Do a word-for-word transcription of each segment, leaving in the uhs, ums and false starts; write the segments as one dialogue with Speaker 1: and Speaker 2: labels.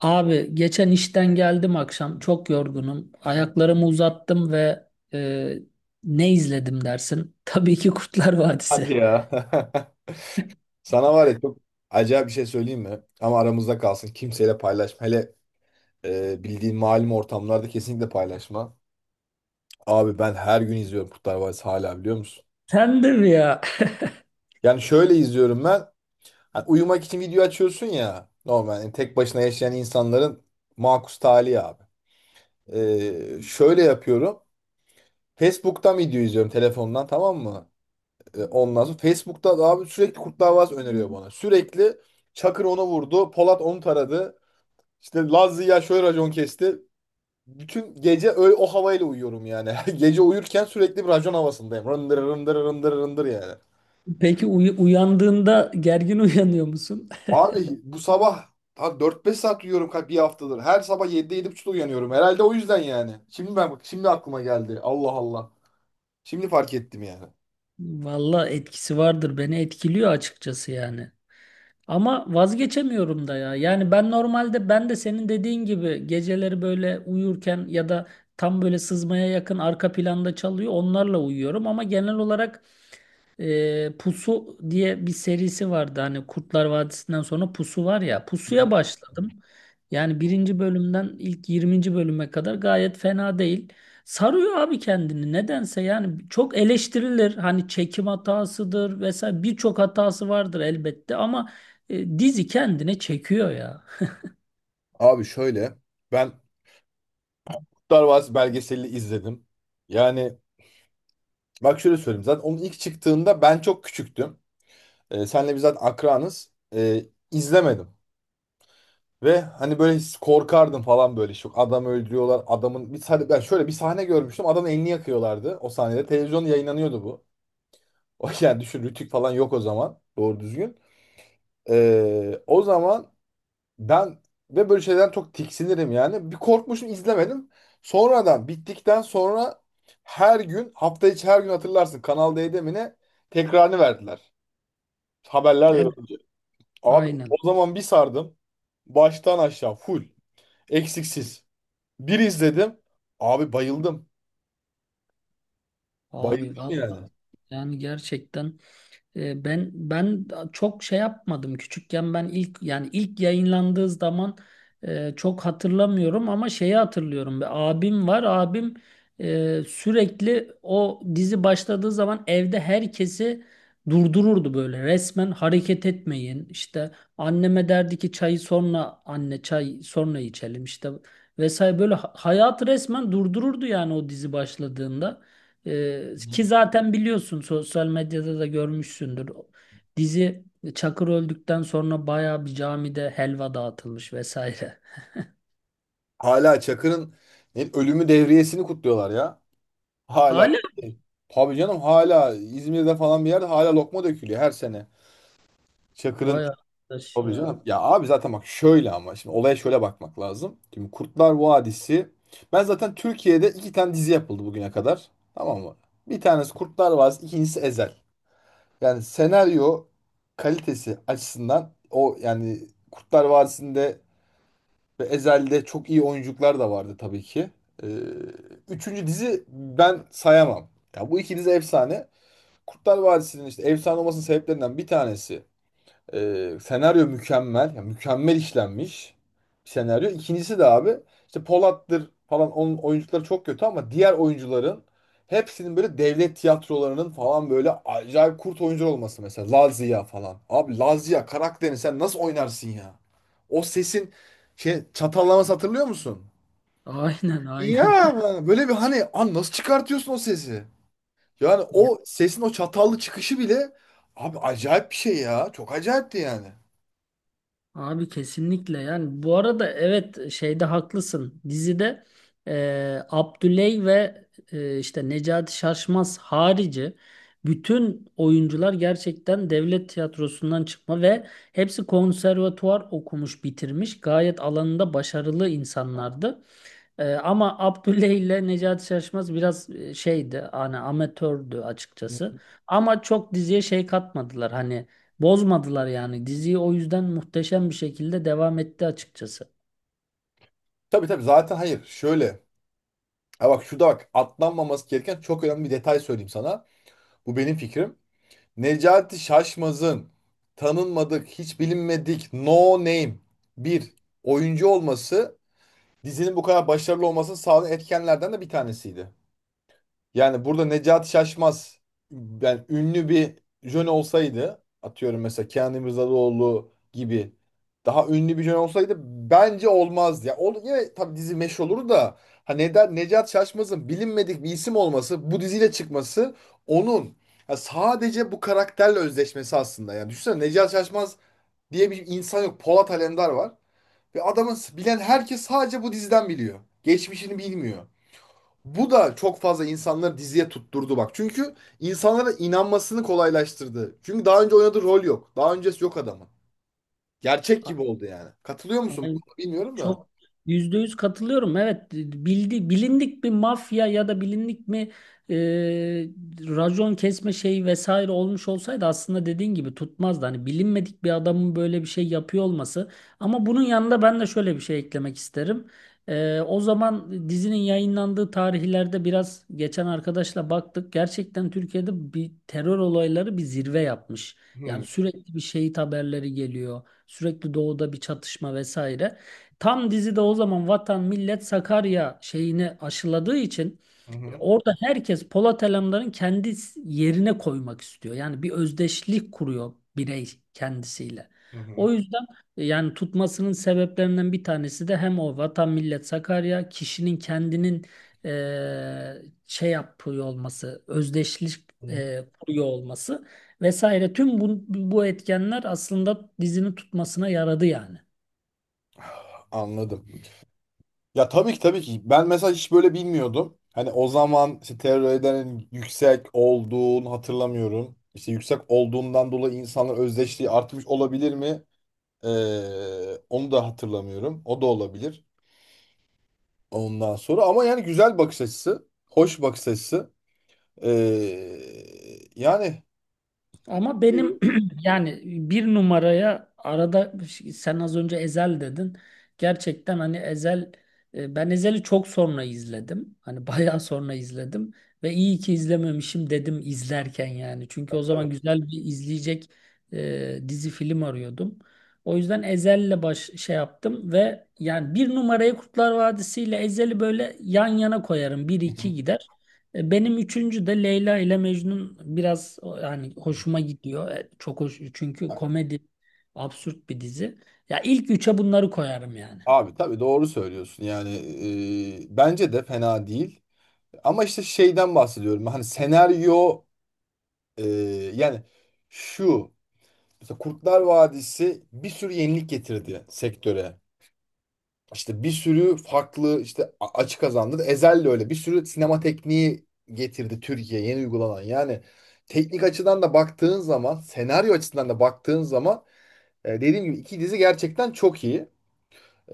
Speaker 1: Abi geçen işten geldim akşam çok yorgunum. Ayaklarımı uzattım ve e, ne izledim dersin? Tabii ki Kurtlar Vadisi.
Speaker 2: Hadi ya. Sana var ya çok acayip bir şey söyleyeyim mi? Ama aramızda kalsın. Kimseyle paylaşma. Hele e, bildiğin malum ortamlarda kesinlikle paylaşma. Abi ben her gün izliyorum Kurtlar Vadisi hala, biliyor musun?
Speaker 1: Sen de mi ya?
Speaker 2: Yani şöyle izliyorum ben. Hani uyumak için video açıyorsun ya. Normal yani, tek başına yaşayan insanların makus tali abi. E, şöyle yapıyorum. Facebook'tan video izliyorum telefondan, tamam mı? E, ondan sonra Facebook'ta da abi sürekli Kurtlar Vadisi öneriyor bana. Sürekli Çakır onu vurdu, Polat onu taradı. İşte Laz Ziya şöyle racon kesti. Bütün gece öyle o havayla uyuyorum yani. Gece uyurken sürekli bir racon havasındayım. Rındır rındır rındır rındır yani.
Speaker 1: Peki uy- uyandığında gergin uyanıyor musun?
Speaker 2: Abi bu sabah ha, dört beş saat uyuyorum kalp bir haftadır. Her sabah yedide yedi 7.30'da uyanıyorum. Herhalde o yüzden yani. Şimdi ben bak, şimdi aklıma geldi. Allah Allah. Şimdi fark ettim yani.
Speaker 1: Valla etkisi vardır. Beni etkiliyor açıkçası yani. Ama vazgeçemiyorum da ya. Yani ben normalde ben de senin dediğin gibi geceleri böyle uyurken ya da tam böyle sızmaya yakın arka planda çalıyor onlarla uyuyorum ama genel olarak e, Pusu diye bir serisi vardı. Hani Kurtlar Vadisi'nden sonra Pusu var ya.
Speaker 2: Hı.
Speaker 1: Pusu'ya başladım. Yani birinci bölümden ilk yirminci bölüme kadar gayet fena değil. Sarıyor abi kendini nedense yani çok eleştirilir hani çekim hatasıdır vesaire birçok hatası vardır elbette ama e, dizi kendine çekiyor ya.
Speaker 2: Abi şöyle, ben Kurtlar Vadisi belgeselini izledim. Yani bak şöyle söyleyeyim, zaten onun ilk çıktığında ben çok küçüktüm. E, senle biz zaten akranız. E, izlemedim. Ve hani böyle his- korkardım falan böyle. Şu adam, öldürüyorlar. Adamın bir sahne, ben şöyle bir sahne görmüştüm. Adamın elini yakıyorlardı o sahnede. Televizyonda yayınlanıyordu bu. O yani düşün, Rütük falan yok o zaman. Doğru düzgün. E, o zaman ben, ve böyle şeyden çok tiksinirim yani. Bir korkmuşum, izlemedim. Sonradan bittikten sonra her gün, hafta içi her gün, hatırlarsın Kanal D'de mi ne, tekrarını verdiler. Haberlerle.
Speaker 1: Evet.
Speaker 2: Abi o
Speaker 1: Aynen
Speaker 2: zaman bir sardım. Baştan aşağı full. Eksiksiz. Bir izledim. Abi bayıldım.
Speaker 1: abi
Speaker 2: Bayıldım yani.
Speaker 1: vallahi yani gerçekten. E, Ben ben çok şey yapmadım küçükken ben ilk yani ilk yayınlandığı zaman, e, çok hatırlamıyorum ama şeyi hatırlıyorum. Bir abim var, abim e, sürekli o dizi başladığı zaman evde herkesi durdururdu, böyle resmen hareket etmeyin işte, anneme derdi ki çayı sonra, anne çay sonra içelim işte, vesaire, böyle ha- hayatı resmen durdururdu yani o dizi başladığında. Ee,
Speaker 2: Hı.
Speaker 1: ki zaten biliyorsun sosyal medyada da görmüşsündür. Dizi Çakır öldükten sonra bayağı bir camide helva dağıtılmış vesaire.
Speaker 2: Hala Çakır'ın yani ölümü devriyesini kutluyorlar ya. Hala.
Speaker 1: Hala.
Speaker 2: Tabii canım, hala İzmir'de falan bir yerde hala lokma dökülüyor her sene. Çakır'ın.
Speaker 1: Vay arkadaş
Speaker 2: Tabii
Speaker 1: ya.
Speaker 2: canım. Ya abi zaten bak şöyle, ama şimdi olaya şöyle bakmak lazım. Şimdi Kurtlar Vadisi. Ben zaten Türkiye'de iki tane dizi yapıldı bugüne kadar, tamam mı? Bir tanesi Kurtlar Vadisi, ikincisi Ezel. Yani senaryo kalitesi açısından o yani, Kurtlar Vadisi'nde ve Ezel'de çok iyi oyuncular da vardı tabii ki. Ee, Üçüncü dizi ben sayamam. Ya bu iki dizi efsane. Kurtlar Vadisi'nin işte efsane olmasının sebeplerinden bir tanesi, ee, senaryo mükemmel. Ya mükemmel işlenmiş bir senaryo. İkincisi de abi, işte Polat'tır falan onun oyuncuları çok kötü, ama diğer oyuncuların hepsinin böyle devlet tiyatrolarının falan böyle acayip kurt oyuncu olması mesela. Lazia falan. Abi Lazia karakterini sen nasıl oynarsın ya? O sesin şey, çatallaması, hatırlıyor musun?
Speaker 1: Aynen
Speaker 2: Ya
Speaker 1: aynen.
Speaker 2: böyle bir hani, an nasıl çıkartıyorsun o sesi? Yani o sesin o çatallı çıkışı bile abi, acayip bir şey ya. Çok acayipti yani.
Speaker 1: Abi kesinlikle, yani bu arada evet şeyde haklısın, dizide e, Abdüley ve, e, işte Necati Şaşmaz harici bütün oyuncular gerçekten devlet tiyatrosundan çıkma ve hepsi konservatuvar okumuş bitirmiş gayet alanında başarılı insanlardı. Ee, ama Abdülle ile Necati Şaşmaz biraz e, şeydi, hani amatördü açıkçası. Ama çok diziye şey katmadılar, hani bozmadılar yani diziyi, o yüzden muhteşem bir şekilde devam etti açıkçası.
Speaker 2: Tabii tabii, zaten hayır. Şöyle. Ha bak şurada bak, atlanmaması gereken çok önemli bir detay söyleyeyim sana. Bu benim fikrim. Necati Şaşmaz'ın tanınmadık, hiç bilinmedik, no name bir oyuncu olması, dizinin bu kadar başarılı olmasını sağlayan etkenlerden de bir tanesiydi. Yani burada Necati Şaşmaz yani ünlü bir jön olsaydı, atıyorum mesela Kenan İmirzalıoğlu gibi daha ünlü bir jön olsaydı, bence olmazdı. Ya ol, yine tabii dizi meş olur da, ha neden Necati Şaşmaz'ın bilinmedik bir isim olması, bu diziyle çıkması, onun ya sadece bu karakterle özdeşmesi aslında. Yani düşünsene, Necati Şaşmaz diye bir insan yok. Polat Alemdar var, ve adamın bilen herkes sadece bu diziden biliyor. Geçmişini bilmiyor. Bu da çok fazla insanları diziye tutturdu bak. Çünkü insanlara inanmasını kolaylaştırdı. Çünkü daha önce oynadığı rol yok. Daha öncesi yok adamın. Gerçek
Speaker 1: A-
Speaker 2: gibi oldu yani. Katılıyor musun?
Speaker 1: Aynen.
Speaker 2: Bilmiyorum da.
Speaker 1: Çok yüzde yüz katılıyorum. Evet, bildi, bilindik bir mafya ya da bilindik mi e, racon kesme şeyi vesaire olmuş olsaydı aslında dediğin gibi tutmazdı. Hani bilinmedik bir adamın böyle bir şey yapıyor olması. Ama bunun yanında ben de şöyle bir şey eklemek isterim. E, o zaman dizinin yayınlandığı tarihlerde biraz geçen arkadaşla baktık. Gerçekten Türkiye'de bir terör olayları bir zirve yapmış. Yani
Speaker 2: Hı
Speaker 1: sürekli bir şehit haberleri geliyor. Sürekli doğuda bir çatışma vesaire. Tam dizide o zaman Vatan Millet Sakarya şeyini aşıladığı için e,
Speaker 2: hı,
Speaker 1: orada herkes Polat Alemdar'ın kendi yerine koymak istiyor. Yani bir özdeşlik kuruyor birey kendisiyle.
Speaker 2: hı hı.
Speaker 1: O yüzden e, yani tutmasının sebeplerinden bir tanesi de hem o Vatan Millet Sakarya kişinin kendinin eee, şey yapıyor olması, özdeşlik
Speaker 2: Hı. Hı.
Speaker 1: eee, kuruyor olması vesaire. Tüm bu, bu etkenler aslında dizinin tutmasına yaradı yani.
Speaker 2: Anladım. Ya tabii ki, tabii ki. Ben mesela hiç böyle bilmiyordum. Hani o zaman işte terörlerin yüksek olduğunu hatırlamıyorum. İşte yüksek olduğundan dolayı insanların özdeşliği artmış olabilir mi? Ee, onu da hatırlamıyorum. O da olabilir. Ondan sonra ama, yani güzel bakış açısı, hoş bakış açısı. Ee, yani.
Speaker 1: Ama benim
Speaker 2: Hı
Speaker 1: yani bir numaraya arada, sen az önce Ezel dedin. Gerçekten hani Ezel, e, ben Ezel'i çok sonra izledim. Hani bayağı sonra izledim ve iyi ki izlememişim dedim izlerken yani. Çünkü o zaman güzel bir izleyecek e, dizi film arıyordum. O yüzden Ezel'le baş şey yaptım ve yani bir numarayı Kurtlar Vadisi ile Ezel'i böyle yan yana koyarım. Bir
Speaker 2: hı.
Speaker 1: iki gider. E, Benim üçüncü de Leyla ile Mecnun biraz o- yani hoşuma gidiyor. E, Çok hoş çünkü komedi, absürt bir dizi. Ya ilk üçe bunları koyarım yani.
Speaker 2: Abi tabii doğru söylüyorsun. Yani e, bence de fena değil. Ama işte şeyden bahsediyorum. Hani senaryo, e, yani şu, mesela Kurtlar Vadisi bir sürü yenilik getirdi sektöre. İşte bir sürü farklı işte, a- açı kazandı. Ezel de öyle. Bir sürü sinema tekniği getirdi Türkiye, yeni uygulanan. Yani teknik açıdan da baktığın zaman, senaryo açısından da baktığın zaman, e, dediğim gibi iki dizi gerçekten çok iyi.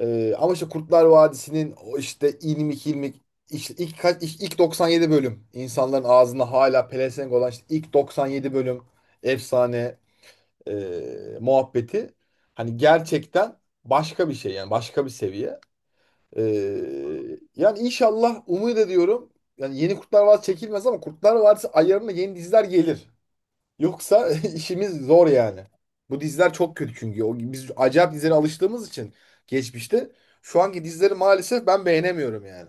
Speaker 2: E, ama işte Kurtlar Vadisi'nin o işte ilmik ilmik işte ilk, kaç, ilk, ilk doksan yedi bölüm, insanların ağzında hala pelesenk olan işte ilk doksan yedi bölüm efsane e, muhabbeti, hani gerçekten başka bir şey yani, başka bir seviye. Ee, yani inşallah umut ediyorum. Yani yeni Kurtlar Vadisi çekilmez ama Kurtlar Vadisi ayarında yeni diziler gelir. Yoksa işimiz zor yani. Bu diziler çok kötü çünkü. O, biz acayip dizilere alıştığımız için geçmişte, şu anki dizileri maalesef ben beğenemiyorum yani.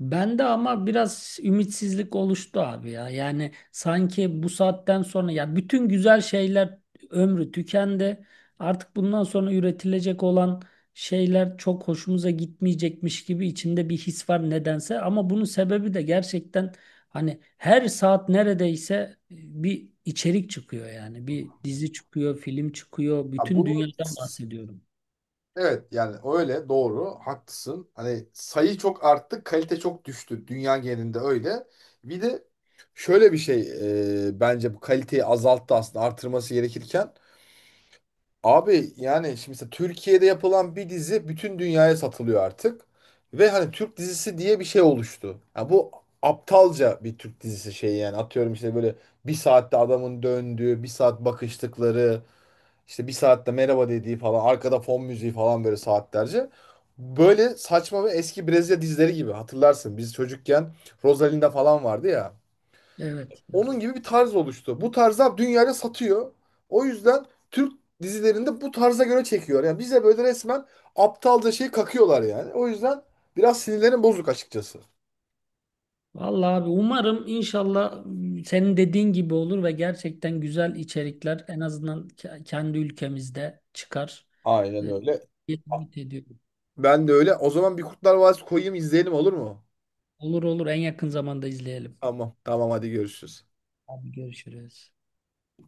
Speaker 1: Bende ama biraz ümitsizlik oluştu abi ya. Yani sanki bu saatten sonra ya bütün güzel şeyler ömrü tükendi. Artık bundan sonra üretilecek olan şeyler çok hoşumuza gitmeyecekmiş gibi içinde bir his var nedense. Ama bunun sebebi de gerçekten hani her saat neredeyse e, bir içerik çıkıyor yani. Bir dizi çıkıyor, film çıkıyor.
Speaker 2: Ya
Speaker 1: Bütün
Speaker 2: bunu,
Speaker 1: dünyadan bahsediyorum.
Speaker 2: evet yani öyle, doğru haklısın. Hani sayı çok arttı, kalite çok düştü, dünya genelinde öyle. Bir de şöyle bir şey, e, bence bu kaliteyi azalttı aslında artırması gerekirken. Abi yani şimdi mesela Türkiye'de yapılan bir dizi bütün dünyaya satılıyor artık. Ve hani Türk dizisi diye bir şey oluştu. Ya bu aptalca bir Türk dizisi şey yani. Atıyorum işte böyle bir saatte adamın döndüğü, bir saat bakıştıkları, işte bir saatte merhaba dediği falan, arkada fon müziği falan böyle saatlerce. Böyle saçma ve eski Brezilya dizileri gibi, hatırlarsın, biz çocukken Rosalinda falan vardı ya.
Speaker 1: Evet, evet.
Speaker 2: Onun gibi bir tarz oluştu. Bu tarzda dünyaya satıyor. O yüzden Türk dizilerinde bu tarza göre çekiyor. Yani bize böyle resmen aptalca şey kakıyorlar yani. O yüzden biraz sinirlerim bozuk açıkçası.
Speaker 1: Vallahi abi umarım inşallah, m, senin dediğin gibi olur ve gerçekten güzel içerikler en azından ke- kendi ülkemizde çıkar.
Speaker 2: Aynen
Speaker 1: Ee,
Speaker 2: öyle.
Speaker 1: Ümit ediyorum.
Speaker 2: Ben de öyle. O zaman bir Kurtlar Vadisi koyayım, izleyelim olur mu?
Speaker 1: Olur, olur, en yakın zamanda izleyelim.
Speaker 2: Tamam. Tamam hadi görüşürüz.
Speaker 1: Abi görüşürüz.